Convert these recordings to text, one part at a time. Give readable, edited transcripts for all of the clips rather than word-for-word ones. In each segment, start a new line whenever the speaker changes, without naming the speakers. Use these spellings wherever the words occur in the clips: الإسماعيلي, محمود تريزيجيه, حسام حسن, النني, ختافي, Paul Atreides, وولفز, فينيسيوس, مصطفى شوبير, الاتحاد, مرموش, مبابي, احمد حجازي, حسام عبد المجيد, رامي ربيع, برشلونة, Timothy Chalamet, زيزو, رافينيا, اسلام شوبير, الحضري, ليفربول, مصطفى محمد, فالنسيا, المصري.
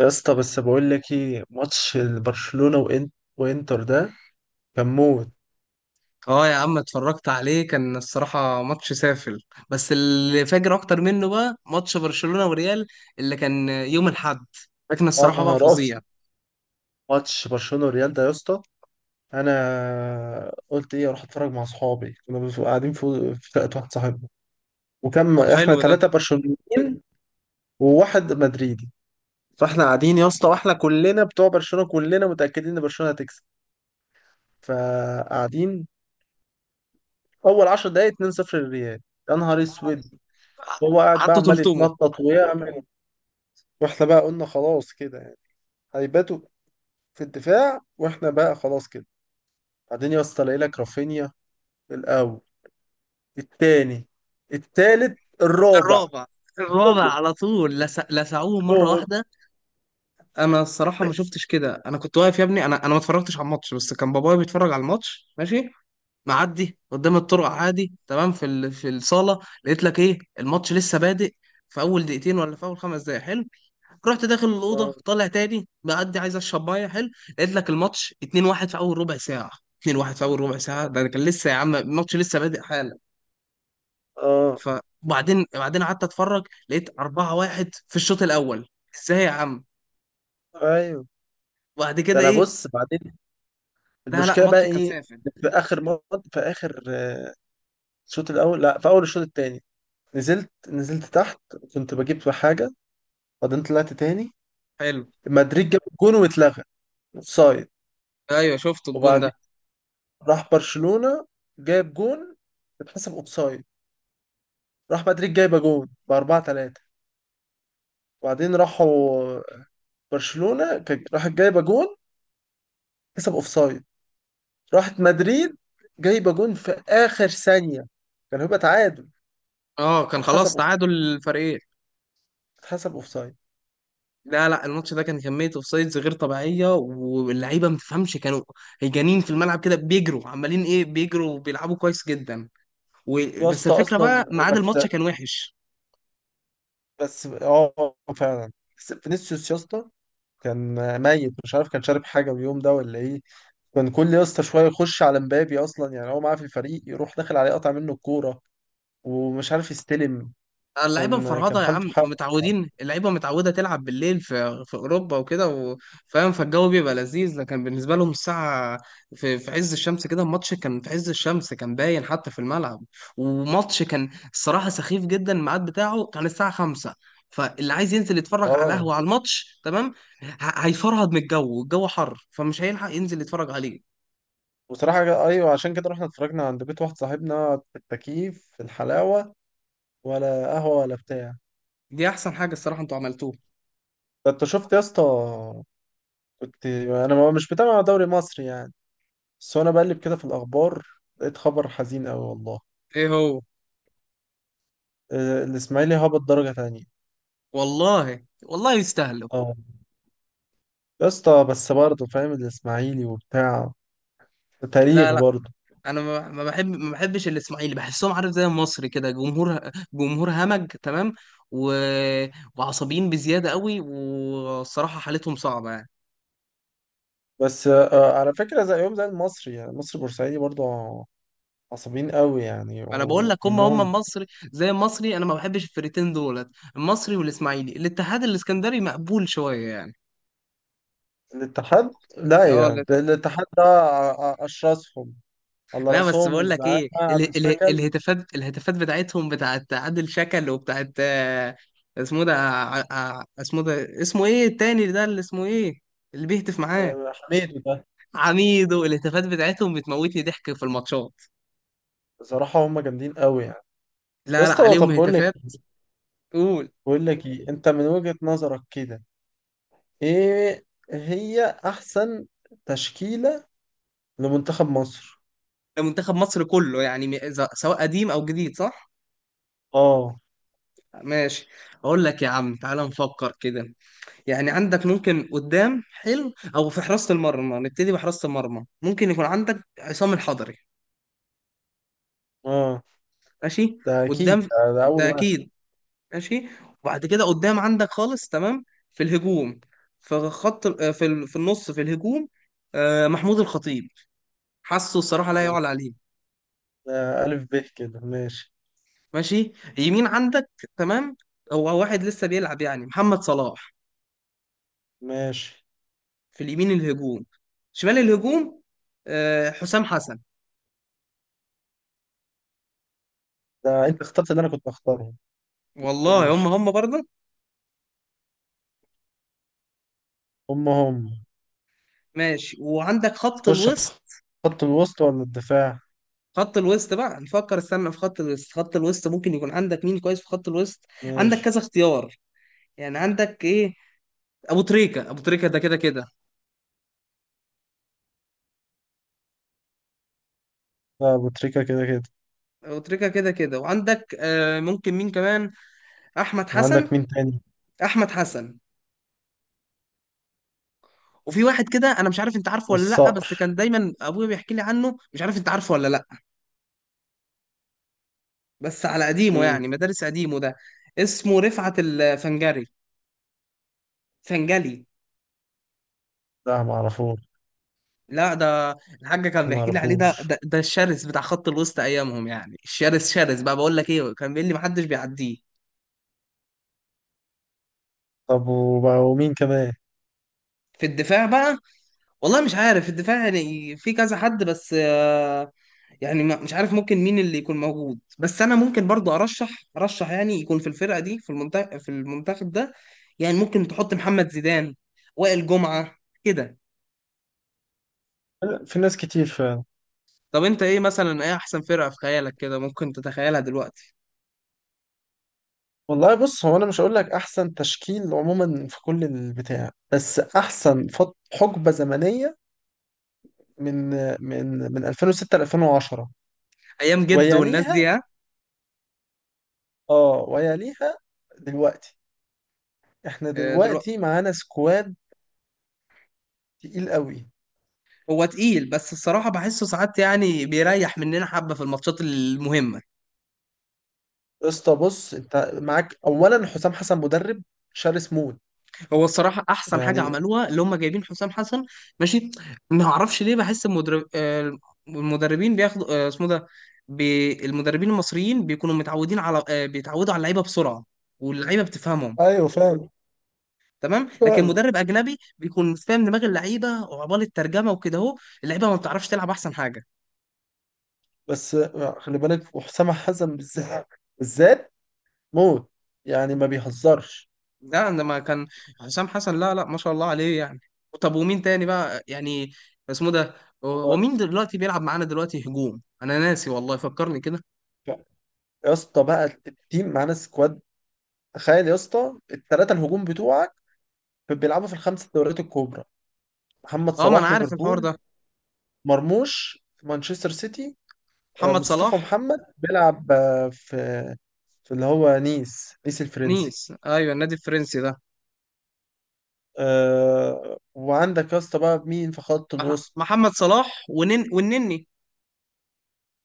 يا اسطى، بس بقول لك ايه ماتش برشلونة وانتر ده كان موت.
اه يا عم، اتفرجت عليه كان الصراحة ماتش سافل. بس اللي فاجر اكتر منه بقى ماتش برشلونة وريال اللي كان يوم الاحد. لكن
يا
الصراحة بقى
نهار أبيض.
فظيع.
ماتش برشلونة والريال ده يا اسطى، انا قلت ايه اروح اتفرج مع اصحابي، كنا قاعدين في شقه واحد صاحبنا، وكم
طب
احنا
حلو ده.
ثلاثه برشلونيين وواحد مدريدي. فاحنا قاعدين يا اسطى، واحنا كلنا بتوع برشلونة كلنا متأكدين ان برشلونة هتكسب فقاعدين. اول 10 دقايق 2-0 للريال. يا نهار اسود. هو قاعد بقى
حطوا
عمال
تلتمه.
يتنطط ويعمل، واحنا بقى قلنا خلاص كده يعني هيباتوا في الدفاع، واحنا بقى خلاص كده. بعدين يا اسطى الاقي لك رافينيا، الاول، التاني، التالت، الرابع،
الرابع. الرابع
كله
على طول لسعوه مرة
دول.
واحدة. انا الصراحة ما شفتش كده، انا كنت واقف يا ابني، انا ما اتفرجتش على الماتش، بس كان بابايا بيتفرج على الماتش، ماشي، معدي قدام الطرق عادي تمام في الصالة. لقيت لك ايه الماتش لسه بادئ، في اول دقيقتين ولا في اول 5 دقايق، حلو. رحت داخل
اه.
الاوضه طالع تاني معدي عايز اشرب ميه، حلو. لقيت لك الماتش 2-1 في اول ربع ساعه. 2-1 في اول ربع ساعه، ده أنا كان لسه يا عم الماتش لسه بادئ حالا.
اه.
فبعدين قعدت اتفرج لقيت 4-1 في الشوط الاول. ازاي يا عم؟
ايوه.
وبعد
ده
كده
انا
ايه؟
بص بعدين.
لا لا،
المشكله بقى
ماتش كان
ايه؟
سافل.
في اخر مرة، في اخر الشوط الاول، لا في اول الشوط التاني، نزلت تحت كنت بجيب في حاجه، بعدين طلعت تاني.
حلو.
مدريد جاب جون واتلغى اوفسايد.
ايوه شفت الجون
وبعدين
ده.
راح برشلونه جاب جون، اتحسب اوفسايد. راح مدريد جايبه جون ب 4-3. وبعدين راحوا برشلونه راحت جايبه جون كسب اوفسايد. راحت مدريد جايبه جون في اخر ثانيه كان هيبقى تعادل،
اه كان
اتحسب
خلاص
اوف
تعادل الفريقين.
اتحسب اوفسايد.
لا لا، الماتش ده كان كمية اوفسايدز غير طبيعية، واللعيبة ما تفهمش، كانوا هيجانين في الملعب كده بيجروا عمالين ايه، بيجروا وبيلعبوا كويس جدا و...
يا
بس
اسطى
الفكره
اصلا،
بقى ميعاد
بس
الماتش كان وحش.
بس اه فعلا. بس فينيسيوس يا اسطى كان ميت، مش عارف كان شارب حاجه اليوم ده ولا ايه. كان كل يا اسطى شويه يخش على مبابي، اصلا يعني هو معاه في الفريق يروح داخل عليه قطع منه الكوره، ومش عارف يستلم.
اللعيبه
كان
مفرهده يا
حالته
عم،
حاجه.
متعودين اللعيبه متعوده تلعب بالليل في اوروبا وكده فاهم، فالجو بيبقى لذيذ، لكن بالنسبه لهم الساعه في عز الشمس كده، الماتش كان في عز الشمس، كان باين حتى في الملعب. وماتش كان الصراحه سخيف جدا، الميعاد بتاعه كان الساعه 5. فاللي عايز ينزل يتفرج على
اه.
القهوه على الماتش تمام، ه- هيفرهد من الجو والجو حر، فمش هيلحق ينزل يتفرج عليه.
بصراحة أيوة عشان كده رحنا اتفرجنا عند بيت واحد صاحبنا في التكييف في الحلاوة، ولا قهوة ولا بتاع.
دي احسن حاجه الصراحه انتوا عملتوها.
ده أنت شفت يا اسطى، كنت أنا مش بتابع دوري مصري يعني، بس وأنا بقلب كده في الأخبار لقيت خبر حزين أوي والله.
ايه هو؟
الإسماعيلي هبط درجة تانية.
والله والله يستاهلوا.
أه. يا اسطى بس برضه فاهم الإسماعيلي وبتاع، تاريخ
لا لا،
برضه.
انا ما بحبش الاسماعيلي، بحسهم عارف زي المصري كده، جمهور جمهور همج تمام و... وعصبيين بزياده قوي، والصراحه حالتهم صعبه يعني.
بس على فكرة زي يوم زي المصري، يعني المصري بورسعيدي برضه عصبيين قوي يعني
انا بقول لك هم هم
وكلهم.
المصري، زي المصري انا ما بحبش الفرقتين دولت، المصري والاسماعيلي. الاتحاد الاسكندري مقبول شويه يعني.
الاتحاد لا، يعني
اه.
ده الاتحاد ده اشرسهم، على
لا بس
راسهم
بقول لك
الزعامه
ايه، ال
عادل
ال
شكل.
الهتافات، الهتافات بتاعتهم بتاعت عادل شكل وبتاعت آه، اسمه ده اسمه ده اسمه ايه التاني ده اللي اسمه ايه اللي بيهتف معاه.
حميد ده.
عميدو. الهتافات بتاعتهم بتموتني ضحك في الماتشات.
بصراحه هم جامدين قوي يعني. يا
لا لا
اسطى،
عليهم
طب بقول لك
هتافات.
إيه؟
قول.
بقول لك ايه انت من وجهه نظرك كده، ايه هي احسن تشكيله لمنتخب مصر؟
ده منتخب مصر كله يعني سواء قديم او جديد، صح.
اه.
ماشي. اقول لك يا عم تعال نفكر كده، يعني عندك ممكن قدام حلو، او في حراسة المرمى. نبتدي بحراسة المرمى، ممكن يكون عندك عصام الحضري،
اه.
ماشي.
ده اكيد،
قدام،
ده اول
ده
واحد.
اكيد. ماشي. وبعد كده قدام عندك خالص تمام في الهجوم، في خط في النص في الهجوم آه، محمود الخطيب. حاسه الصراحه لا يعلى
ده,
عليه.
ده الف ب كده ماشي.
ماشي. يمين عندك تمام، هو واحد لسه بيلعب يعني، محمد صلاح،
ماشي.
في اليمين الهجوم. شمال الهجوم آه، حسام حسن.
ده انت اخترت اللي انا كنت اختاره.
والله هم
ماشي.
هم برضه.
هم هم.
ماشي. وعندك خط
تخش
الوسط.
خط الوسط ولا الدفاع؟
خط الوسط بقى نفكر، استنى في خط الوسط، خط الوسط ممكن يكون عندك مين كويس في خط الوسط؟ عندك
ماشي.
كذا اختيار، يعني عندك ايه. ابو تريكة، ابو تريكة ده كده كده.
لا، أبو تريكة كده كده.
ابو تريكة كده كده، وعندك آه ممكن مين كمان. احمد حسن.
وعندك مين تاني؟
احمد حسن. وفي واحد كده انا مش عارف انت عارفه ولا لا، بس كان
الصقر.
دايما ابويا بيحكي لي عنه، مش عارف انت عارفه ولا لا. بس على قديمه
مين؟
يعني، مدارس قديمه ده. اسمه رفعت الفنجري. فنجلي.
لا معرفوش.
لا ده الحاج كان بيحكي لي عليه، ده
معرفوش.
ده الشرس بتاع خط الوسط ايامهم يعني، الشرس، شرس بقى، بقول لك ايه كان بيقول لي محدش بيعديه.
طب وبقى ومين كمان؟
في الدفاع بقى والله مش عارف، في الدفاع يعني في كذا حد، بس آه، يعني مش عارف ممكن مين اللي يكون موجود. بس انا ممكن برضو ارشح، ارشح يعني يكون في الفرقه دي، في المنتخب، في المنتخب ده يعني ممكن تحط محمد زيدان، وائل جمعه، كده.
لا، في ناس كتير فعلا.
طب انت ايه مثلا، ايه احسن فرقه في خيالك كده ممكن تتخيلها دلوقتي؟
والله بص، هو انا مش هقول لك احسن تشكيل عموما في كل البتاع، بس احسن حقبة زمنية من من 2006 ل 2010.
ايام جد والناس دي.
ويليها اه ويليها دلوقتي. احنا
ها.
دلوقتي معانا سكواد تقيل قوي.
هو تقيل بس الصراحة بحسه ساعات يعني بيريح مننا حبة في الماتشات المهمة.
يا اسطى بص، انت معاك اولا حسام حسن، مدرب شرس موت
هو الصراحة أحسن حاجة
يعني.
عملوها اللي هم جايبين حسام حسن. ماشي. ما أعرفش ليه، بحس المدرب آه، المدربين بياخدوا آه، اسمه ده، المدربين المصريين بيكونوا متعودين على آه، بيتعودوا على اللعيبة بسرعة، واللعيبة بتفهمهم
ايوه فعلا.
تمام. لكن
فعلا.
مدرب أجنبي بيكون مش فاهم دماغ اللعيبة، وعبال الترجمة وكده أهو اللعيبة ما بتعرفش تلعب أحسن حاجة.
بس خلي بالك، وحسام حسن بالذات، بالذات موت، يعني ما بيهزرش.
لا عندما كان حسام حسن، لا لا ما شاء الله عليه يعني. طب ومين تاني بقى يعني، اسمه ده،
هو
ومين دلوقتي بيلعب معانا دلوقتي هجوم، انا ناسي والله فكرني كده.
يا اسطى بقى التيم معانا سكواد. تخيل يا اسطى الثلاثه الهجوم بتوعك بيلعبوا في الخمس دوريات الكبرى. محمد
اه ما انا
صلاح
عارف الحوار
ليفربول،
ده.
مرموش في مانشستر سيتي،
محمد
مصطفى
صلاح.
محمد بيلعب في اللي هو نيس، نيس الفرنسي.
نيس، ايوه النادي الفرنسي ده.
وعندك يا اسطى بقى مين في خط الوسط؟
محمد صلاح ونن، والنني.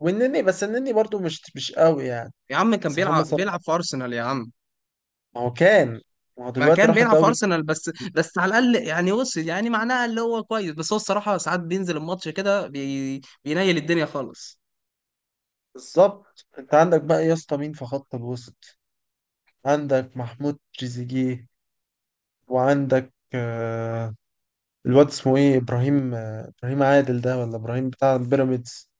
والنني، بس النني برضو مش قوي يعني.
يا عم كان
بس
بيلعب
محمد صلاح،
بيلعب في ارسنال يا عم.
ما هو كان ما هو
ما
دلوقتي
كان
راح
بيلعب في
الدوري الكوري.
ارسنال، بس على الاقل يعني وصل، يعني معناها اللي هو كويس، بس هو الصراحه ساعات بينزل الماتش كده بينيل الدنيا خالص.
بالظبط. انت عندك بقى يا اسطى مين في خط الوسط؟ عندك محمود تريزيجيه، وعندك آه، الواد اسمه ايه، ابراهيم ابراهيم عادل ده ولا ابراهيم بتاع بيراميدز.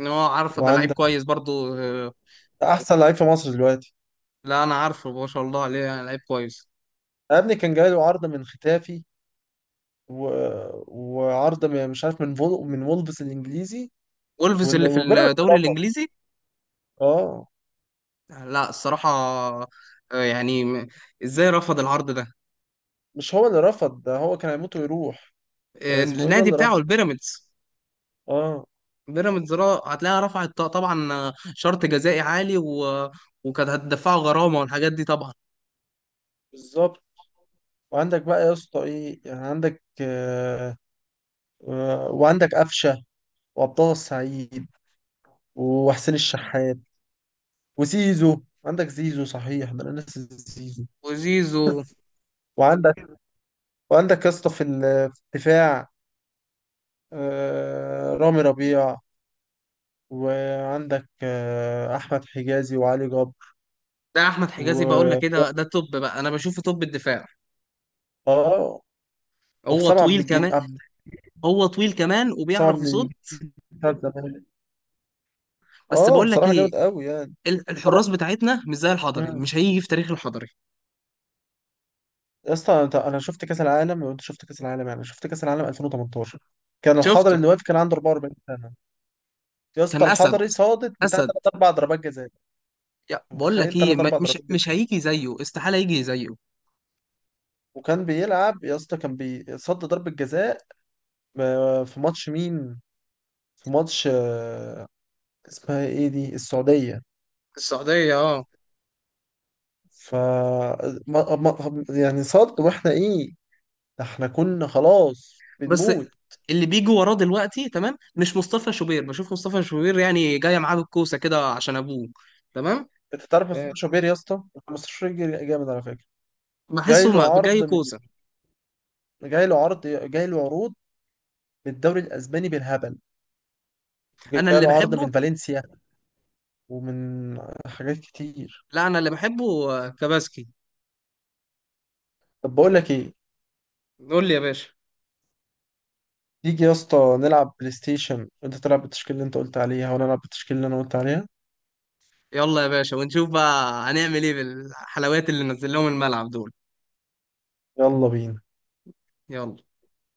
ان هو عارف ده لعيب
وعندك
كويس برضو.
احسن لعيب في مصر دلوقتي.
لا انا عارفه ما شاء الله عليه يعني، لعيب كويس.
يا ابني كان جاي له عرض من ختافي و... وعرض مش عارف من من وولفز الانجليزي،
وولفز اللي في
وبيراميدز
الدوري
رفض.
الانجليزي.
اه.
لا الصراحه آه، يعني ازاي رفض العرض ده؟
مش هو اللي رفض، ده هو كان هيموت ويروح.
آه،
اسمه ايه ده
النادي
اللي
بتاعه
رفض.
البيراميدز.
اه.
بيراميدز هتلاقيها رفعت طبعا آه، شرط جزائي عالي وكانت هتدفعه غرامه والحاجات دي طبعا.
بالظبط. وعندك بقى يا اسطى ايه، يعني عندك آه، وعندك قفشه وعبد السعيد وحسين الشحات وزيزو. عندك زيزو صحيح، ده انا ناسي زيزو.
وزيزو.
وعندك وعندك يا اسطى في في الدفاع آه رامي ربيع، وعندك آه احمد حجازي وعلي جبر.
ده احمد حجازي بقول لك
و
كده ده توب بقى، انا بشوفه توب الدفاع.
اه
هو
وحسام عبد
طويل
المجيد
كمان. هو طويل كمان
حسام
وبيعرف
عبد
يصد.
المجيد بتاع زمان.
بس
اه.
بقول لك
بصراحه
ايه،
جامد قوي يعني. وطبعا.
الحراس بتاعتنا مش زي الحضري،
مم.
مش هيجي في تاريخ الحضري.
يا اسطى انت، انا شفت كاس العالم وانت شفت كاس العالم، يعني شفت كاس العالم 2018 كان الحضري
شفته.
اللي واقف كان عنده 44 سنه. يا اسطى
كان اسد.
الحضري صادت بتاع
اسد.
ثلاث اربع ضربات جزاء. أنت
يا بقول
متخيل
لك ايه
ثلاث اربع
مش
ضربات
مش
جزاء.
هيجي زيه، استحاله يجي زيه.
وكان بيلعب يا اسطى، كان بيصد ضربه جزاء في ماتش مين، في ماتش اسمها ايه دي، السعوديه.
السعودية اه.
ف ما... ما... يعني صد، واحنا ايه، ده احنا كنا خلاص
بس
بنموت.
اللي بيجي وراه دلوقتي تمام مش مصطفى شوبير، بشوف مصطفى شوبير يعني جايه معاه بالكوسه كده عشان ابوه، تمام.
انت تعرف
آه،
اسلام شوبير يا اسطى؟ مصطفى شوبير جامد على فكره. جاي
بحسه
له
جاي
عرض من
كوسه.
جاي له عروض من الدوري الاسباني بالهبل.
انا
جاي
اللي
له عرض
بحبه.
من فالنسيا ومن حاجات كتير.
لا انا اللي بحبه آه، كباسكي.
طب بقول لك ايه،
قول لي يا باشا.
تيجي يا اسطى نلعب بلاي ستيشن، وانت تلعب بالتشكيله اللي انت قلت عليها وانا العب بالتشكيله اللي انا قلت عليها.
يلا يا باشا ونشوف بقى هنعمل ايه بالحلويات اللي نزل لهم الملعب دول.
يلا بينا
يلا.